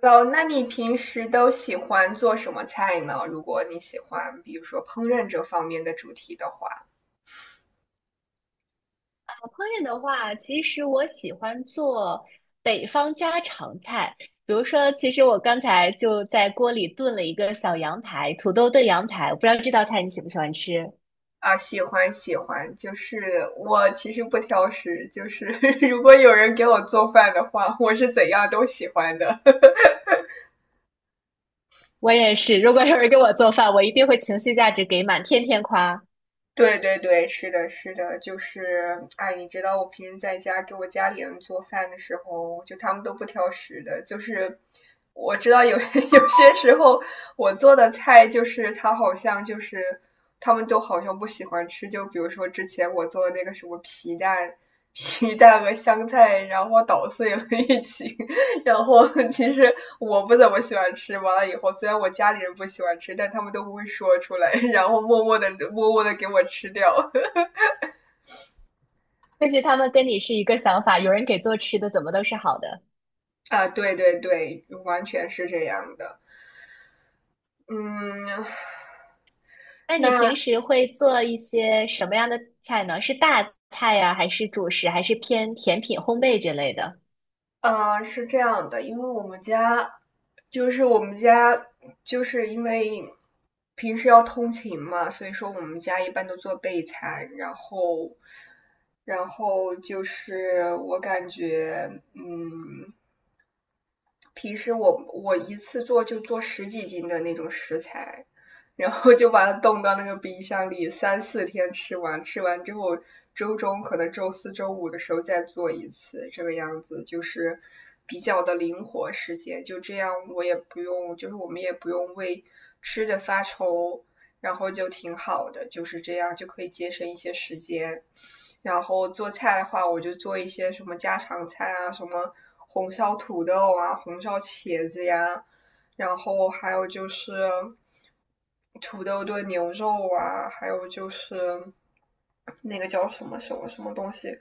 哦，那你平时都喜欢做什么菜呢？如果你喜欢，比如说烹饪这方面的主题的话，烹饪的话，其实我喜欢做北方家常菜。比如说，其实我刚才就在锅里炖了一个小羊排，土豆炖羊排，我不知道这道菜你喜不喜欢吃？啊，喜欢喜欢，我其实不挑食，就是 如果有人给我做饭的话，我是怎样都喜欢的。我也是，如果有人给我做饭，我一定会情绪价值给满，天天夸。对对对，是的，是的，就是，哎，你知道我平时在家给我家里人做饭的时候，就他们都不挑食的，就是我知道有 有些时候我做的菜，他们都好像不喜欢吃，就比如说之前我做的那个什么皮蛋、皮蛋和香菜，然后捣碎了一起，然后 其实我不怎么喜欢吃，完了以后虽然我家里人不喜欢吃，但他们都不会说出来，然后默默的给我吃掉。但是他们跟你是一个想法，有人给做吃的，怎么都是好的。啊，对对对，完全是这样的。嗯，那你平那时会做一些什么样的菜呢？是大菜呀，还是主食，还是偏甜品、烘焙这类的？是这样的，因为我们家就是因为平时要通勤嘛，所以说我们家一般都做备餐，然后就是我感觉嗯。平时我一次做就做十几斤的那种食材，然后就把它冻到那个冰箱里，三四天吃完，吃完之后周中可能周四周五的时候再做一次，这个样子就是比较的灵活时间，就这样我也不用，就是我们也不用为吃的发愁，然后就挺好的，就是这样就可以节省一些时间。然后做菜的话，我就做一些什么家常菜啊，什么红烧土豆啊，红烧茄子呀，然后还有就是土豆炖牛肉啊，还有就是那个叫什么什么什么东西，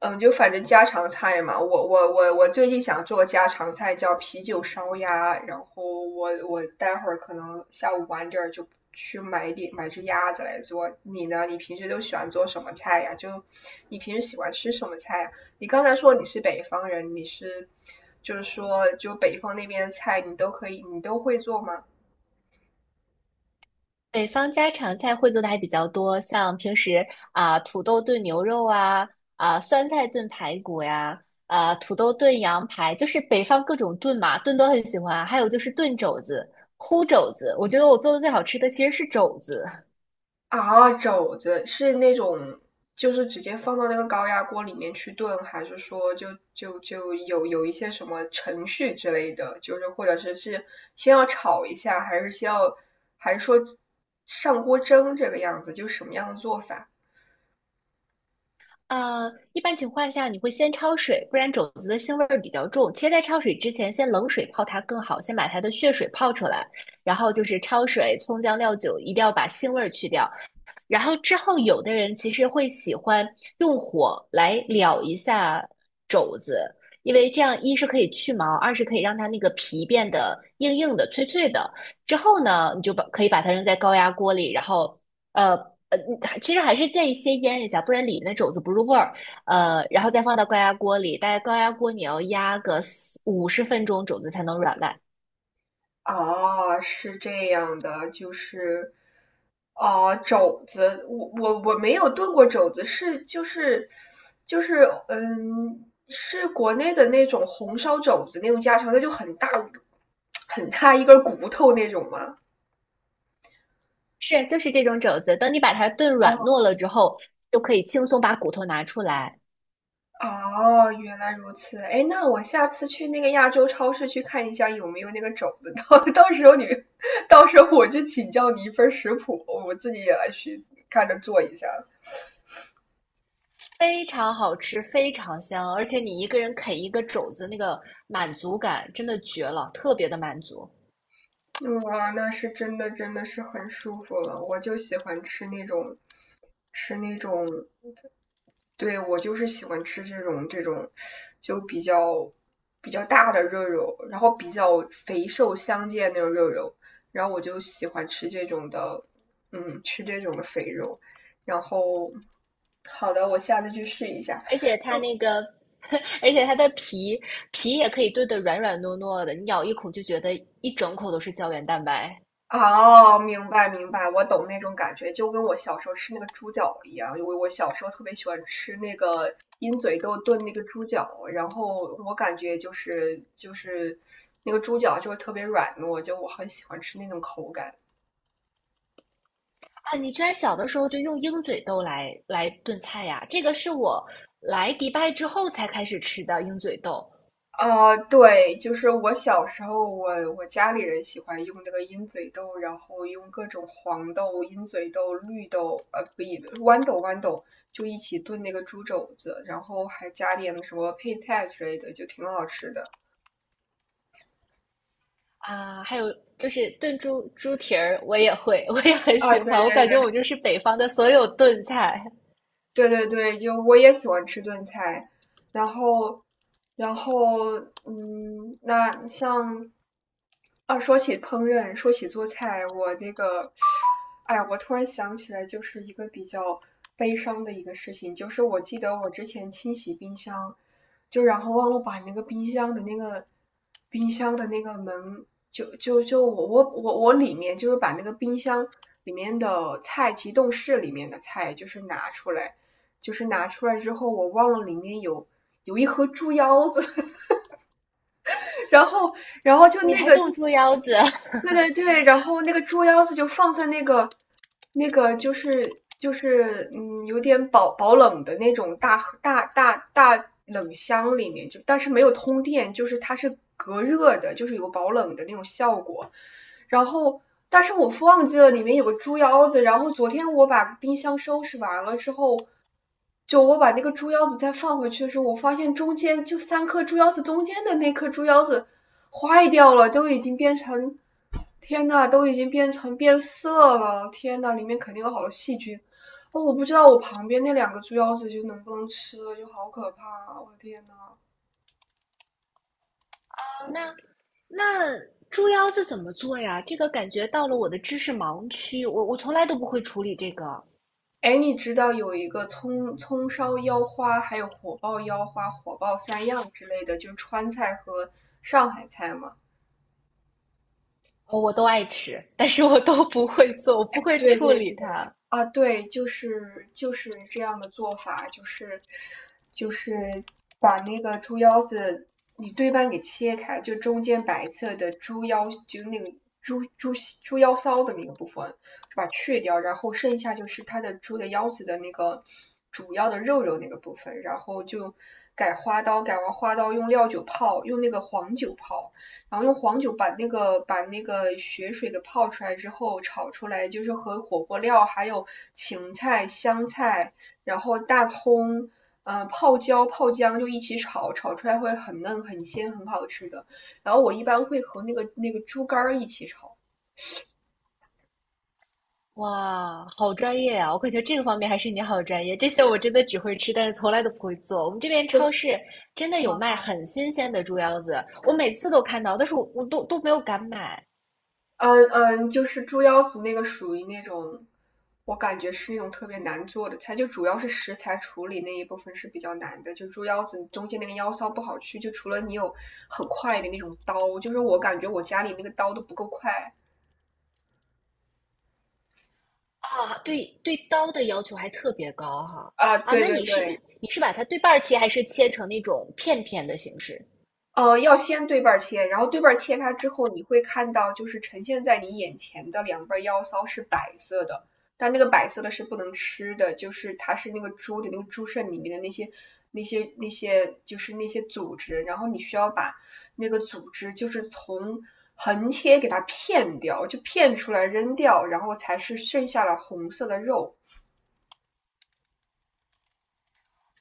嗯，就反正家常菜嘛，我最近想做家常菜，叫啤酒烧鸭。然后我待会儿可能下午晚点儿就去买点买只鸭子来做。你呢？你平时都喜欢做什么菜呀？就你平时喜欢吃什么菜呀？你刚才说你是北方人，你是就是说就北方那边的菜你都可以，你都会做吗？北方家常菜会做的还比较多，像平时啊、土豆炖牛肉啊，啊、酸菜炖排骨呀，啊、土豆炖羊排，就是北方各种炖嘛，炖都很喜欢啊。还有就是炖肘子、烀肘子，我觉得我做的最好吃的其实是肘子。啊，肘子是那种，就是直接放到那个高压锅里面去炖，还是说就就就有有一些什么程序之类的，就是或者是先要炒一下，还是先要，还是说上锅蒸这个样子，就什么样的做法？一般情况下你会先焯水，不然肘子的腥味儿比较重。其实，在焯水之前，先冷水泡它更好，先把它的血水泡出来，然后就是焯水、葱姜料酒，一定要把腥味儿去掉。然后之后，有的人其实会喜欢用火来燎一下肘子，因为这样一是可以去毛，二是可以让它那个皮变得硬硬的、脆脆的。之后呢，你就把可以把它扔在高压锅里，然后呃呃，其实还是建议先腌一下，不然里面的肘子不入味儿。然后再放到高压锅里，但是高压锅你要压个四五十分钟，肘子才能软烂。哦，是这样的，就是，哦，肘子，我没有炖过肘子，嗯，是国内的那种红烧肘子那种家常菜，就很大很大一根骨头那种吗？是，就是这种肘子，等你把它炖软哦，糯了之后，就可以轻松把骨头拿出来，哦，原来如此。哎，那我下次去那个亚洲超市去看一下有没有那个肘子，到时候你，到时候我去请教你一份食谱，我自己也来去看着做一下。非常好吃，非常香，而且你一个人啃一个肘子，那个满足感真的绝了，特别的满足。哇，那是真的，真的是很舒服了。我就喜欢吃那种，吃那种，对，我就是喜欢吃这种，就比较大的肉肉，然后比较肥瘦相间那种肉肉，然后我就喜欢吃这种的，嗯，吃这种的肥肉。然后，好的，我下次去试一下。而且它那个，而且它的皮也可以炖得软软糯糯的，你咬一口就觉得一整口都是胶原蛋白。哦，明白明白，我懂那种感觉，就跟我小时候吃那个猪脚一样。因为我小时候特别喜欢吃那个鹰嘴豆炖那个猪脚，然后我感觉就是那个猪脚就会特别软糯，就我很喜欢吃那种口感。啊，你居然小的时候就用鹰嘴豆来炖菜呀？这个是我来迪拜之后才开始吃的鹰嘴豆呃，对，就是我小时候我，我家里人喜欢用那个鹰嘴豆，然后用各种黄豆、鹰嘴豆、绿豆，呃，不一，豌豆，就一起炖那个猪肘子，然后还加点什么配菜之类的，就挺好吃的。啊。还有就是炖猪蹄儿，我也会，我也很啊，喜对欢。我感觉对我就是北方的所有炖菜。对，就我也喜欢吃炖菜，然后，然后，嗯，那像，啊，说起烹饪，说起做菜，我那个，哎呀，我突然想起来，就是一个比较悲伤的一个事情，就是我记得我之前清洗冰箱，就然后忘了把那个冰箱的那个冰箱的那个门，就就就我里面就是把那个冰箱里面的菜，急冻室里面的菜，就是拿出来。就是拿出来之后，我忘了里面有有一盒猪腰子，然后然后就你那还个就炖猪腰子？对对对，然后那个猪腰子就放在那个那个就是就是嗯，有点保冷的那种大冷箱里面，就但是没有通电，就是它是隔热的，就是有保冷的那种效果。然后，但是我忘记了里面有个猪腰子，然后昨天我把冰箱收拾完了之后。就我把那个猪腰子再放回去的时候，我发现中间就三颗猪腰子中间的那颗猪腰子坏掉了，都已经变成天呐，都已经变成变色了！天呐，里面肯定有好多细菌。哦，我不知道我旁边那两个猪腰子就能不能吃了，就好可怕啊我的天呐。那那猪腰子怎么做呀？这个感觉到了我的知识盲区，我从来都不会处理这个，哎，你知道有一个葱葱烧腰花，还有火爆腰花、火爆三样之类的，就是川菜和上海菜吗？哦我都爱吃，但是我都不会做，我不会对处对理对，它。啊，对，就是这样的做法，就是就是把那个猪腰子你对半给切开，就中间白色的猪腰，就那个猪猪猪腰骚的那个部分，就把它去掉，然后剩下就是它的猪的腰子的那个主要的肉肉那个部分，然后就改花刀，改完花刀用料酒泡，用那个黄酒泡。然后用黄酒把那个血水给泡出来之后炒出来，就是和火锅料还有芹菜、香菜，然后大葱，呃，泡椒、泡姜就一起炒，炒出来会很嫩、很鲜、很好吃的。然后我一般会和那个猪肝儿一起炒，哇，好专业啊！我感觉这个方面还是你好专业，这些我真的只会吃，但是从来都不会做。我们这边超就市真的有卖很新鲜的猪腰子，我每次都看到，但是我都没有敢买。嗯嗯，就是猪腰子那个属于那种，我感觉是那种特别难做的菜，就主要是食材处理那一部分是比较难的。就猪腰子中间那个腰骚不好去，就除了你有很快的那种刀，就是我感觉我家里那个刀都不够快啊，对对，刀的要求还特别高哈。啊。啊！对那对你是一对，你是把它对半儿切，还是切成那种片片的形式？呃，要先对半切，然后对半切开之后，你会看到就是呈现在你眼前的两瓣腰骚是白色的，但那个白色的是不能吃的，就是它是那个猪的那个猪肾里面的那些就是那些组织，然后你需要把那个组织就是从横切给它片掉，就片出来扔掉，然后才是剩下了红色的肉。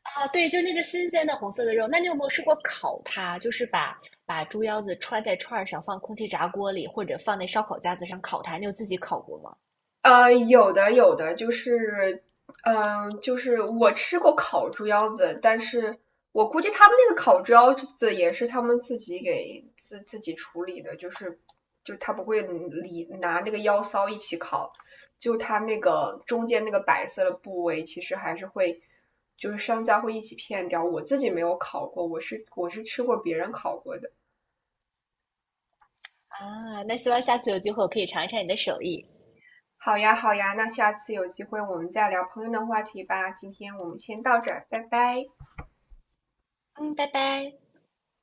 啊，对，就那个新鲜的红色的肉。那你有没有试过烤它？就是把猪腰子穿在串儿上，放空气炸锅里，或者放那烧烤架子上烤它。你有自己烤过吗？呃，有的有的，就是，嗯、就是我吃过烤猪腰子，但是我估计他们那个烤猪腰子也是他们自己给自己处理的，就是就他不会理拿那个腰骚一起烤，就他那个中间那个白色的部位，其实还是会，就是商家会一起片掉。我自己没有烤过，我是吃过别人烤过的。啊，那希望下次有机会我可以尝一尝你的手艺。好呀，好呀，那下次有机会我们再聊朋友的话题吧。今天我们先到这儿，拜拜。嗯，拜拜。